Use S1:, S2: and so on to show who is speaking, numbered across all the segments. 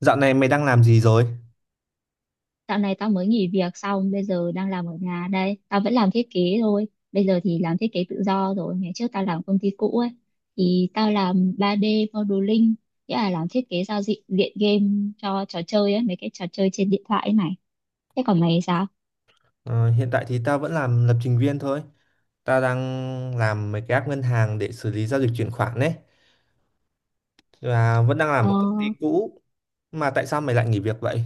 S1: Dạo này mày đang làm gì rồi?
S2: Dạo này tao mới nghỉ việc xong, bây giờ đang làm ở nhà đây. Tao vẫn làm thiết kế thôi. Bây giờ thì làm thiết kế tự do rồi. Ngày trước tao làm công ty cũ ấy. Thì tao làm 3D modeling, nghĩa là làm thiết kế giao diện diện game cho trò chơi ấy, mấy cái trò chơi trên điện thoại ấy này. Thế còn mày thì sao?
S1: Ờ, hiện tại thì tao vẫn làm lập trình viên thôi. Tao đang làm mấy cái app ngân hàng để xử lý giao dịch chuyển khoản đấy. Và vẫn đang làm
S2: Ờ.
S1: một công ty cũ. Mà tại sao mày lại nghỉ việc vậy?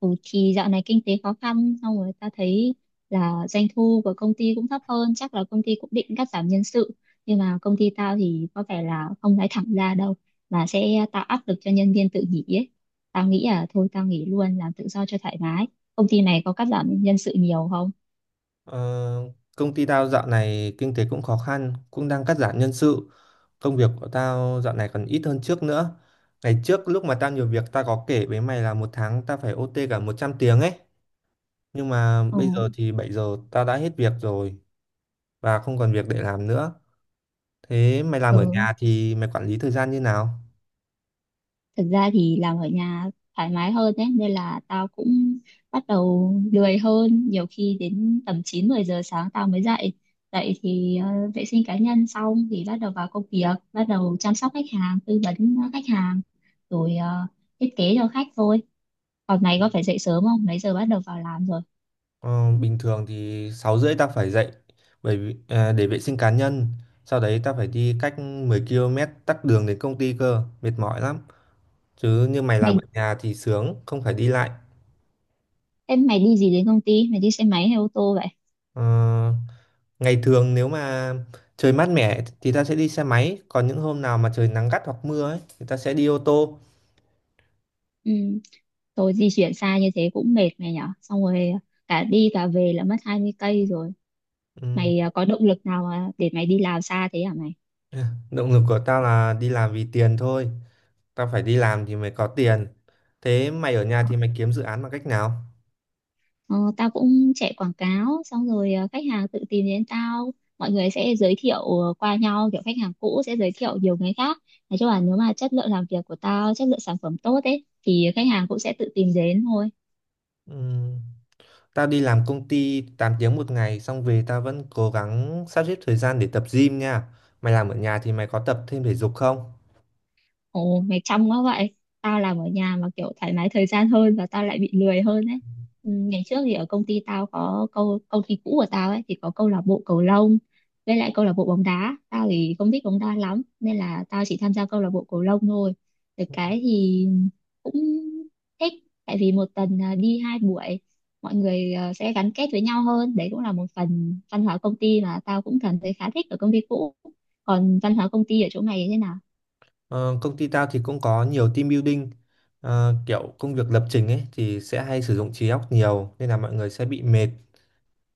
S2: Ừ, thì dạo này kinh tế khó khăn xong rồi ta thấy là doanh thu của công ty cũng thấp hơn, chắc là công ty cũng định cắt giảm nhân sự, nhưng mà công ty tao thì có vẻ là không nói thẳng ra đâu mà sẽ tạo áp lực cho nhân viên tự nghỉ ấy. Tao nghĩ là thôi tao nghỉ luôn làm tự do cho thoải mái. Công ty này có cắt giảm nhân sự nhiều không?
S1: Ờ, công ty tao dạo này kinh tế cũng khó khăn, cũng đang cắt giảm nhân sự. Công việc của tao dạo này còn ít hơn trước nữa. Ngày trước lúc mà tao nhiều việc tao có kể với mày là một tháng tao phải OT cả 100 tiếng ấy. Nhưng mà
S2: Ồ,
S1: bây giờ thì 7 giờ tao đã hết việc rồi và không còn việc để làm nữa. Thế mày làm ở
S2: ừ.
S1: nhà thì mày quản lý thời gian như nào?
S2: Thực ra thì làm ở nhà thoải mái hơn đấy, nên là tao cũng bắt đầu lười hơn, nhiều khi đến tầm 9 10 giờ sáng tao mới dậy. Dậy thì vệ sinh cá nhân xong thì bắt đầu vào công việc, bắt đầu chăm sóc khách hàng, tư vấn khách hàng, rồi thiết kế cho khách thôi. Còn mày có phải dậy sớm không, mấy giờ bắt đầu vào làm rồi?
S1: Ờ, bình thường thì 6h30 tao phải dậy bởi vì, để vệ sinh cá nhân. Sau đấy tao phải đi cách 10 km tắc đường đến công ty cơ, mệt mỏi lắm. Chứ như mày làm
S2: Mày,
S1: ở nhà thì sướng, không phải đi lại.
S2: em mày đi gì đến công ty, mày đi xe máy hay ô tô vậy?
S1: Ờ, ngày thường nếu mà trời mát mẻ thì ta sẽ đi xe máy, còn những hôm nào mà trời nắng gắt hoặc mưa ấy thì ta sẽ đi ô tô.
S2: Ừ. Thôi di chuyển xa như thế cũng mệt mày nhở, xong rồi cả đi cả về là mất 20 cây rồi.
S1: Ừm,
S2: Mày có động lực nào để mày đi làm xa thế hả mày?
S1: Động lực của tao là đi làm vì tiền thôi. Tao phải đi làm thì mới có tiền. Thế mày ở nhà
S2: ờ,
S1: thì mày kiếm dự án bằng cách nào?
S2: ờ, Tao cũng chạy quảng cáo, xong rồi khách hàng tự tìm đến tao. Mọi người sẽ giới thiệu qua nhau, kiểu khách hàng cũ sẽ giới thiệu nhiều người khác. Nói chung là nếu mà chất lượng làm việc của tao, chất lượng sản phẩm tốt ấy, thì khách hàng cũng sẽ tự tìm đến thôi.
S1: Ừm, tao đi làm công ty 8 tiếng một ngày xong về tao vẫn cố gắng sắp xếp thời gian để tập gym nha. Mày làm ở nhà thì mày có tập thêm thể dục không?
S2: Ồ, mày trong quá vậy. Tao làm ở nhà mà kiểu thoải mái thời gian hơn và tao lại bị lười hơn ấy. Ừ, ngày trước thì ở công ty tao có câu công ty cũ của tao ấy thì có câu lạc bộ cầu lông, với lại câu lạc bộ bóng đá. Tao thì không thích bóng đá lắm nên là tao chỉ tham gia câu lạc bộ cầu lông thôi. Được cái thì cũng thích, tại vì một tuần đi hai buổi, mọi người sẽ gắn kết với nhau hơn. Đấy cũng là một phần văn hóa công ty mà tao cũng cảm thấy khá thích ở công ty cũ. Còn văn hóa công ty ở chỗ mày như thế nào?
S1: Ờ, công ty tao thì cũng có nhiều team building. Kiểu công việc lập trình ấy thì sẽ hay sử dụng trí óc nhiều nên là mọi người sẽ bị mệt.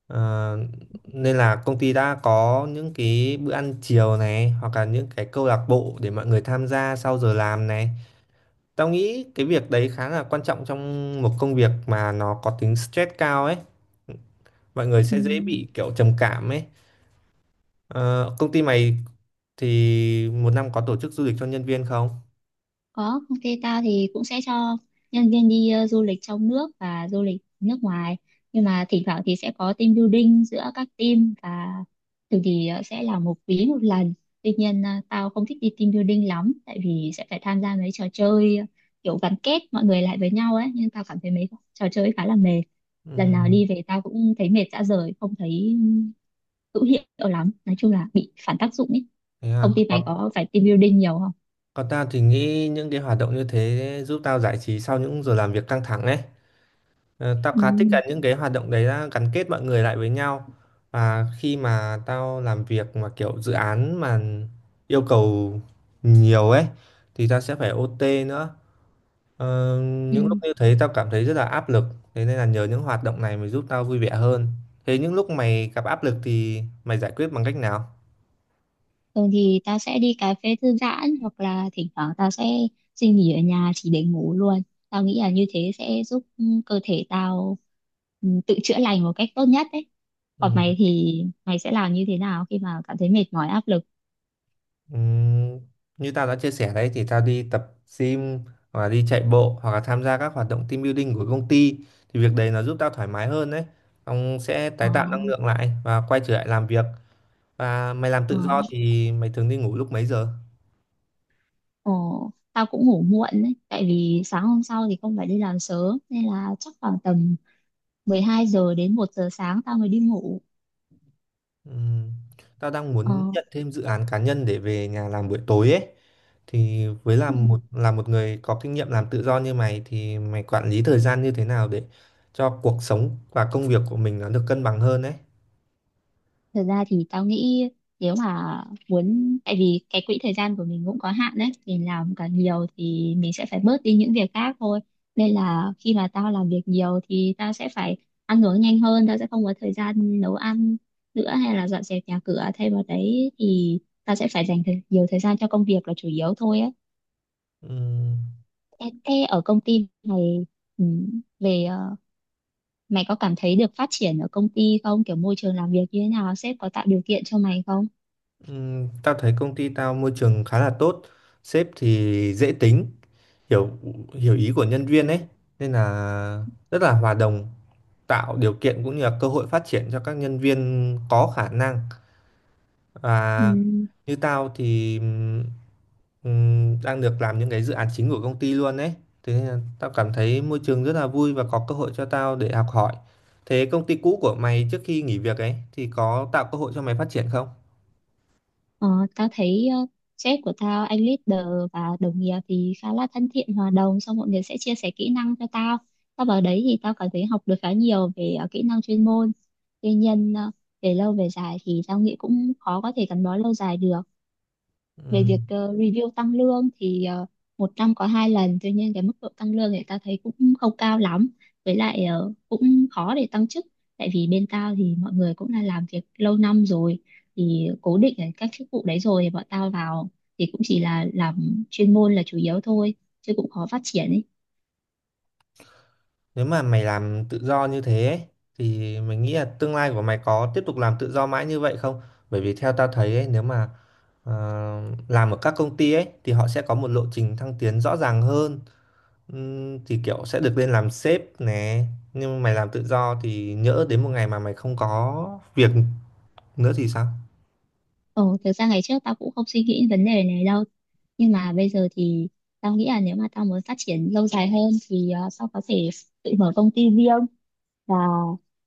S1: Ờ, nên là công ty đã có những cái bữa ăn chiều này hoặc là những cái câu lạc bộ để mọi người tham gia sau giờ làm này. Tao nghĩ cái việc đấy khá là quan trọng trong một công việc mà nó có tính stress cao ấy. Mọi
S2: Ừ.
S1: người sẽ dễ bị kiểu trầm cảm ấy. Ờ, công ty mày thì một năm có tổ chức du lịch cho nhân viên không?
S2: Có, công ty tao thì cũng sẽ cho nhân viên đi du lịch trong nước và du lịch nước ngoài. Nhưng mà thỉnh thoảng thì sẽ có team building giữa các team, và thường thì sẽ là một quý một lần. Tuy nhiên tao không thích đi team building lắm, tại vì sẽ phải tham gia mấy trò chơi kiểu gắn kết mọi người lại với nhau ấy. Nhưng tao cảm thấy mấy trò chơi ấy khá là mệt. Lần
S1: Ừ,
S2: nào đi về tao cũng thấy mệt rã rời, không thấy hữu hiệu lắm. Nói chung là bị phản tác dụng ấy.
S1: thế à.
S2: Công ty mày
S1: Còn,
S2: có phải team building nhiều không?
S1: còn tao thì nghĩ những cái hoạt động như thế giúp tao giải trí sau những giờ làm việc căng thẳng ấy. Tao khá thích cả những cái hoạt động đấy là gắn kết mọi người lại với nhau và khi mà tao làm việc mà kiểu dự án mà yêu cầu nhiều ấy thì tao sẽ phải OT nữa. Ờ, những lúc
S2: Ừ.
S1: như thế tao cảm thấy rất là áp lực. Thế nên là nhờ những hoạt động này mới giúp tao vui vẻ hơn. Thế những lúc mày gặp áp lực thì mày giải quyết bằng cách nào?
S2: Thường thì tao sẽ đi cà phê thư giãn, hoặc là thỉnh thoảng tao sẽ xin nghỉ ở nhà chỉ để ngủ luôn. Tao nghĩ là như thế sẽ giúp cơ thể tao tự chữa lành một cách tốt nhất đấy.
S1: Ừ.
S2: Còn mày thì mày sẽ làm như thế nào khi mà cảm thấy mệt mỏi, áp lực?
S1: Ừm, như tao đã chia sẻ đấy thì tao đi tập gym hoặc là đi chạy bộ hoặc là tham gia các hoạt động team building của công ty thì việc đấy nó giúp tao thoải mái hơn đấy. Ông sẽ
S2: Ờ,
S1: tái tạo năng lượng lại và quay trở lại làm việc. Và mày làm
S2: ờ,
S1: tự do thì mày thường đi ngủ lúc mấy giờ?
S2: tao cũng ngủ muộn đấy, tại vì sáng hôm sau thì không phải đi làm sớm, nên là chắc khoảng tầm 12 giờ đến một giờ sáng tao mới đi ngủ.
S1: Ừm, tao đang
S2: Ờ,
S1: muốn nhận thêm dự án cá nhân để về nhà làm buổi tối ấy. Thì với làm một là một người có kinh nghiệm làm tự do như mày thì mày quản lý thời gian như thế nào để cho cuộc sống và công việc của mình nó được cân bằng hơn đấy?
S2: Thật ra thì tao nghĩ, nếu mà muốn, tại vì cái quỹ thời gian của mình cũng có hạn đấy, mình làm càng nhiều thì mình sẽ phải bớt đi những việc khác thôi. Nên là khi mà tao làm việc nhiều thì tao sẽ phải ăn uống nhanh hơn, tao sẽ không có thời gian nấu ăn nữa, hay là dọn dẹp nhà cửa. Thay vào đấy thì tao sẽ phải dành nhiều thời gian cho công việc là chủ yếu thôi á.
S1: Ừm.
S2: Thế ở công ty này, ừ, về mày có cảm thấy được phát triển ở công ty không, kiểu môi trường làm việc như thế nào, sếp có tạo điều kiện cho mày không?
S1: Tao thấy công ty tao môi trường khá là tốt, sếp thì dễ tính, hiểu hiểu ý của nhân viên ấy, nên là rất là hòa đồng, tạo điều kiện cũng như là cơ hội phát triển cho các nhân viên có khả năng.
S2: Ừ.
S1: Và như tao thì đang được làm những cái dự án chính của công ty luôn ấy, thế nên là tao cảm thấy môi trường rất là vui và có cơ hội cho tao để học hỏi. Thế công ty cũ của mày trước khi nghỉ việc ấy thì có tạo cơ hội cho mày phát triển không?
S2: Ờ, Tao thấy sếp của tao, anh leader và đồng nghiệp thì khá là thân thiện, hòa đồng, xong mọi người sẽ chia sẻ kỹ năng cho tao. Tao vào đấy thì tao cảm thấy học được khá nhiều về kỹ năng chuyên môn. Tuy nhiên về lâu về dài thì tao nghĩ cũng khó có thể gắn bó lâu dài được. Về
S1: Ừ.
S2: việc review tăng lương thì một năm có hai lần, tuy nhiên cái mức độ tăng lương thì ta thấy cũng không cao lắm. Với lại cũng khó để tăng chức, tại vì bên tao thì mọi người cũng là làm việc lâu năm rồi, thì cố định ở các chức vụ đấy rồi, thì bọn tao vào thì cũng chỉ là làm chuyên môn là chủ yếu thôi, chứ cũng khó phát triển ấy.
S1: Nếu mà mày làm tự do như thế ấy, thì mình nghĩ là tương lai của mày có tiếp tục làm tự do mãi như vậy không? Bởi vì theo tao thấy ấy, nếu mà ờ, làm ở các công ty ấy thì họ sẽ có một lộ trình thăng tiến rõ ràng hơn. Thì kiểu sẽ được lên làm sếp nè. Nhưng mà mày làm tự do thì nhỡ đến một ngày mà mày không có việc nữa thì sao?
S2: Ừ, thực ra ngày trước tao cũng không suy nghĩ vấn đề này đâu. Nhưng mà bây giờ thì tao nghĩ là nếu mà tao muốn phát triển lâu dài hơn thì tao có thể tự mở công ty riêng, và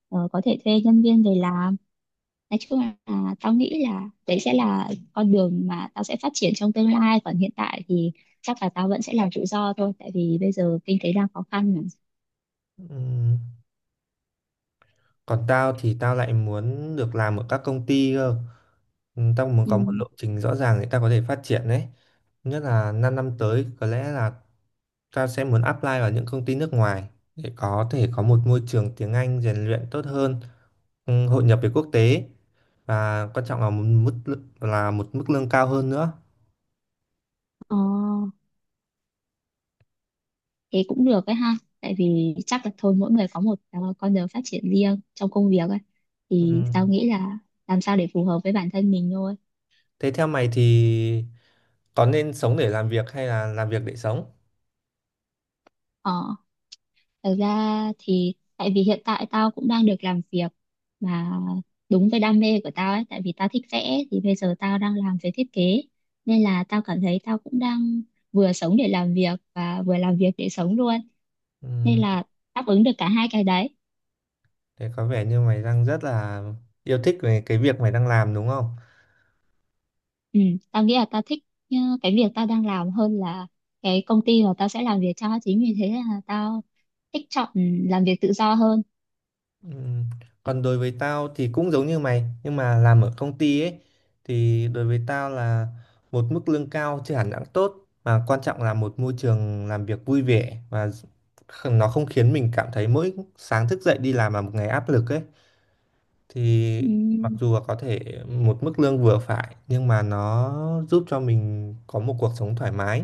S2: có thể thuê nhân viên về làm. Nói chung là tao nghĩ là đấy sẽ là con đường mà tao sẽ phát triển trong tương lai. Còn hiện tại thì chắc là tao vẫn sẽ làm tự do thôi. Tại vì bây giờ kinh tế đang khó khăn mà.
S1: Ừm, Còn tao thì tao lại muốn được làm ở các công ty cơ. Ừ, tao muốn có một
S2: Ừ.
S1: lộ trình rõ ràng để tao có thể phát triển đấy. Nhất là 5 năm tới có lẽ là tao sẽ muốn apply vào những công ty nước ngoài để có thể có một môi trường tiếng Anh rèn luyện tốt hơn, hội nhập với quốc tế và quan trọng là là một mức lương cao hơn nữa.
S2: Ờ. Thế cũng được ấy ha. Tại vì chắc là thôi mỗi người có một con đường phát triển riêng trong công việc ấy.
S1: Ừ.
S2: Thì tao nghĩ là làm sao để phù hợp với bản thân mình thôi.
S1: Thế theo mày thì có nên sống để làm việc hay là làm việc để sống?
S2: Ờ, thật ra thì tại vì hiện tại tao cũng đang được làm việc mà đúng với đam mê của tao ấy. Tại vì tao thích vẽ, thì bây giờ tao đang làm về thiết kế. Nên là tao cảm thấy tao cũng đang vừa sống để làm việc và vừa làm việc để sống luôn.
S1: Ừ.
S2: Nên là đáp ứng được cả hai cái đấy.
S1: Thế có vẻ như mày đang rất là yêu thích về cái việc mày đang làm đúng không?
S2: Ừ, tao nghĩ là tao thích ờ, cái việc tao đang làm hơn là cái công ty mà tao sẽ làm việc cho, chính vì thế là tao thích chọn làm việc tự do hơn.
S1: Ừm, Còn đối với tao thì cũng giống như mày, nhưng mà làm ở công ty ấy thì đối với tao là một mức lương cao chưa hẳn đã tốt mà quan trọng là một môi trường làm việc vui vẻ và nó không khiến mình cảm thấy mỗi sáng thức dậy đi làm là một ngày áp lực ấy thì mặc
S2: ừ,
S1: dù là có thể một mức lương vừa phải nhưng mà nó giúp cho mình có một cuộc sống thoải mái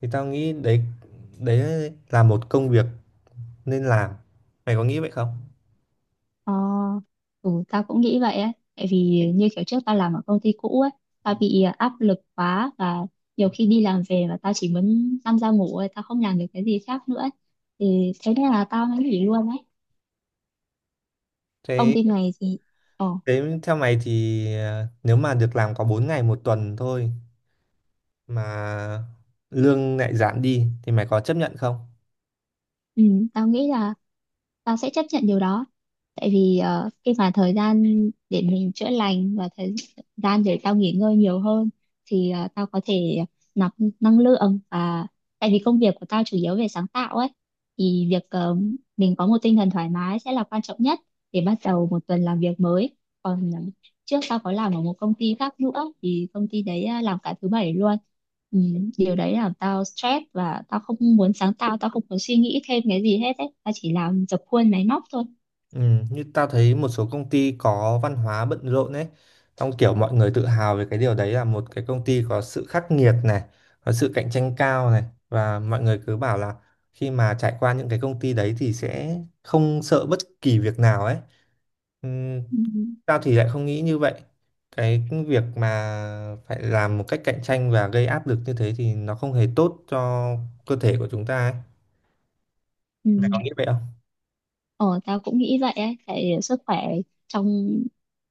S1: thì tao nghĩ đấy. Đấy là một công việc nên làm. Mày có nghĩ vậy không?
S2: ờ, ừ, tao cũng nghĩ vậy á, tại vì như kiểu trước tao làm ở công ty cũ ấy, tao bị áp lực quá, và nhiều khi đi làm về mà tao chỉ muốn nằm ra ngủ thôi, tao không làm được cái gì khác nữa ấy. Thì thế nên là tao mới nghỉ luôn ấy. Công
S1: thế
S2: ty này thì ờ,
S1: thế theo mày thì nếu mà được làm có 4 ngày một tuần thôi mà lương lại giảm đi thì mày có chấp nhận không?
S2: ừ, tao nghĩ là tao sẽ chấp nhận điều đó, tại vì khi mà thời gian để mình chữa lành và thời gian để tao nghỉ ngơi nhiều hơn, thì tao có thể nạp năng lượng. Và tại vì công việc của tao chủ yếu về sáng tạo ấy, thì việc mình có một tinh thần thoải mái sẽ là quan trọng nhất để bắt đầu một tuần làm việc mới. Còn trước tao có làm ở một công ty khác nữa, thì công ty đấy làm cả thứ bảy luôn. ừ, Điều đấy làm tao stress, và tao không muốn sáng tạo, tao không muốn suy nghĩ thêm cái gì hết ấy, tao chỉ làm dập khuôn máy móc thôi.
S1: Ừ, như tao thấy một số công ty có văn hóa bận rộn ấy, xong kiểu mọi người tự hào về cái điều đấy là một cái công ty có sự khắc nghiệt này, có sự cạnh tranh cao này và mọi người cứ bảo là khi mà trải qua những cái công ty đấy thì sẽ không sợ bất kỳ việc nào ấy. Ừ,
S2: Ừ.
S1: tao thì lại không nghĩ như vậy. Cái việc mà phải làm một cách cạnh tranh và gây áp lực như thế thì nó không hề tốt cho cơ thể của chúng ta ấy. Mày có
S2: Ừ.
S1: nghĩ vậy không?
S2: Ờ, tao cũng nghĩ vậy ấy, tại sức khỏe trong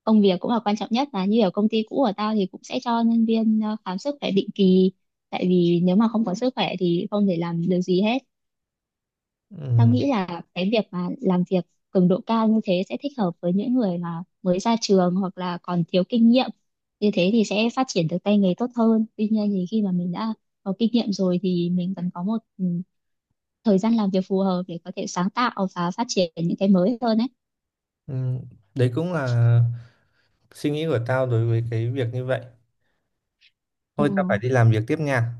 S2: công việc cũng là quan trọng, nhất là như ở công ty cũ của tao thì cũng sẽ cho nhân viên khám sức khỏe định kỳ, tại vì nếu mà không có sức khỏe thì không thể làm được gì hết. Tao
S1: Ừ,
S2: nghĩ là cái việc mà làm việc cường độ cao như thế sẽ thích hợp với những người mà mới ra trường hoặc là còn thiếu kinh nghiệm, như thế thì sẽ phát triển được tay nghề tốt hơn. Tuy nhiên thì khi mà mình đã có kinh nghiệm rồi thì mình cần có một thời gian làm việc phù hợp để có thể sáng tạo và phát triển những cái mới hơn ấy.
S1: ừ, đấy cũng là suy nghĩ của tao đối với cái việc như vậy.
S2: Ừ.
S1: Thôi tao phải đi làm việc tiếp nha.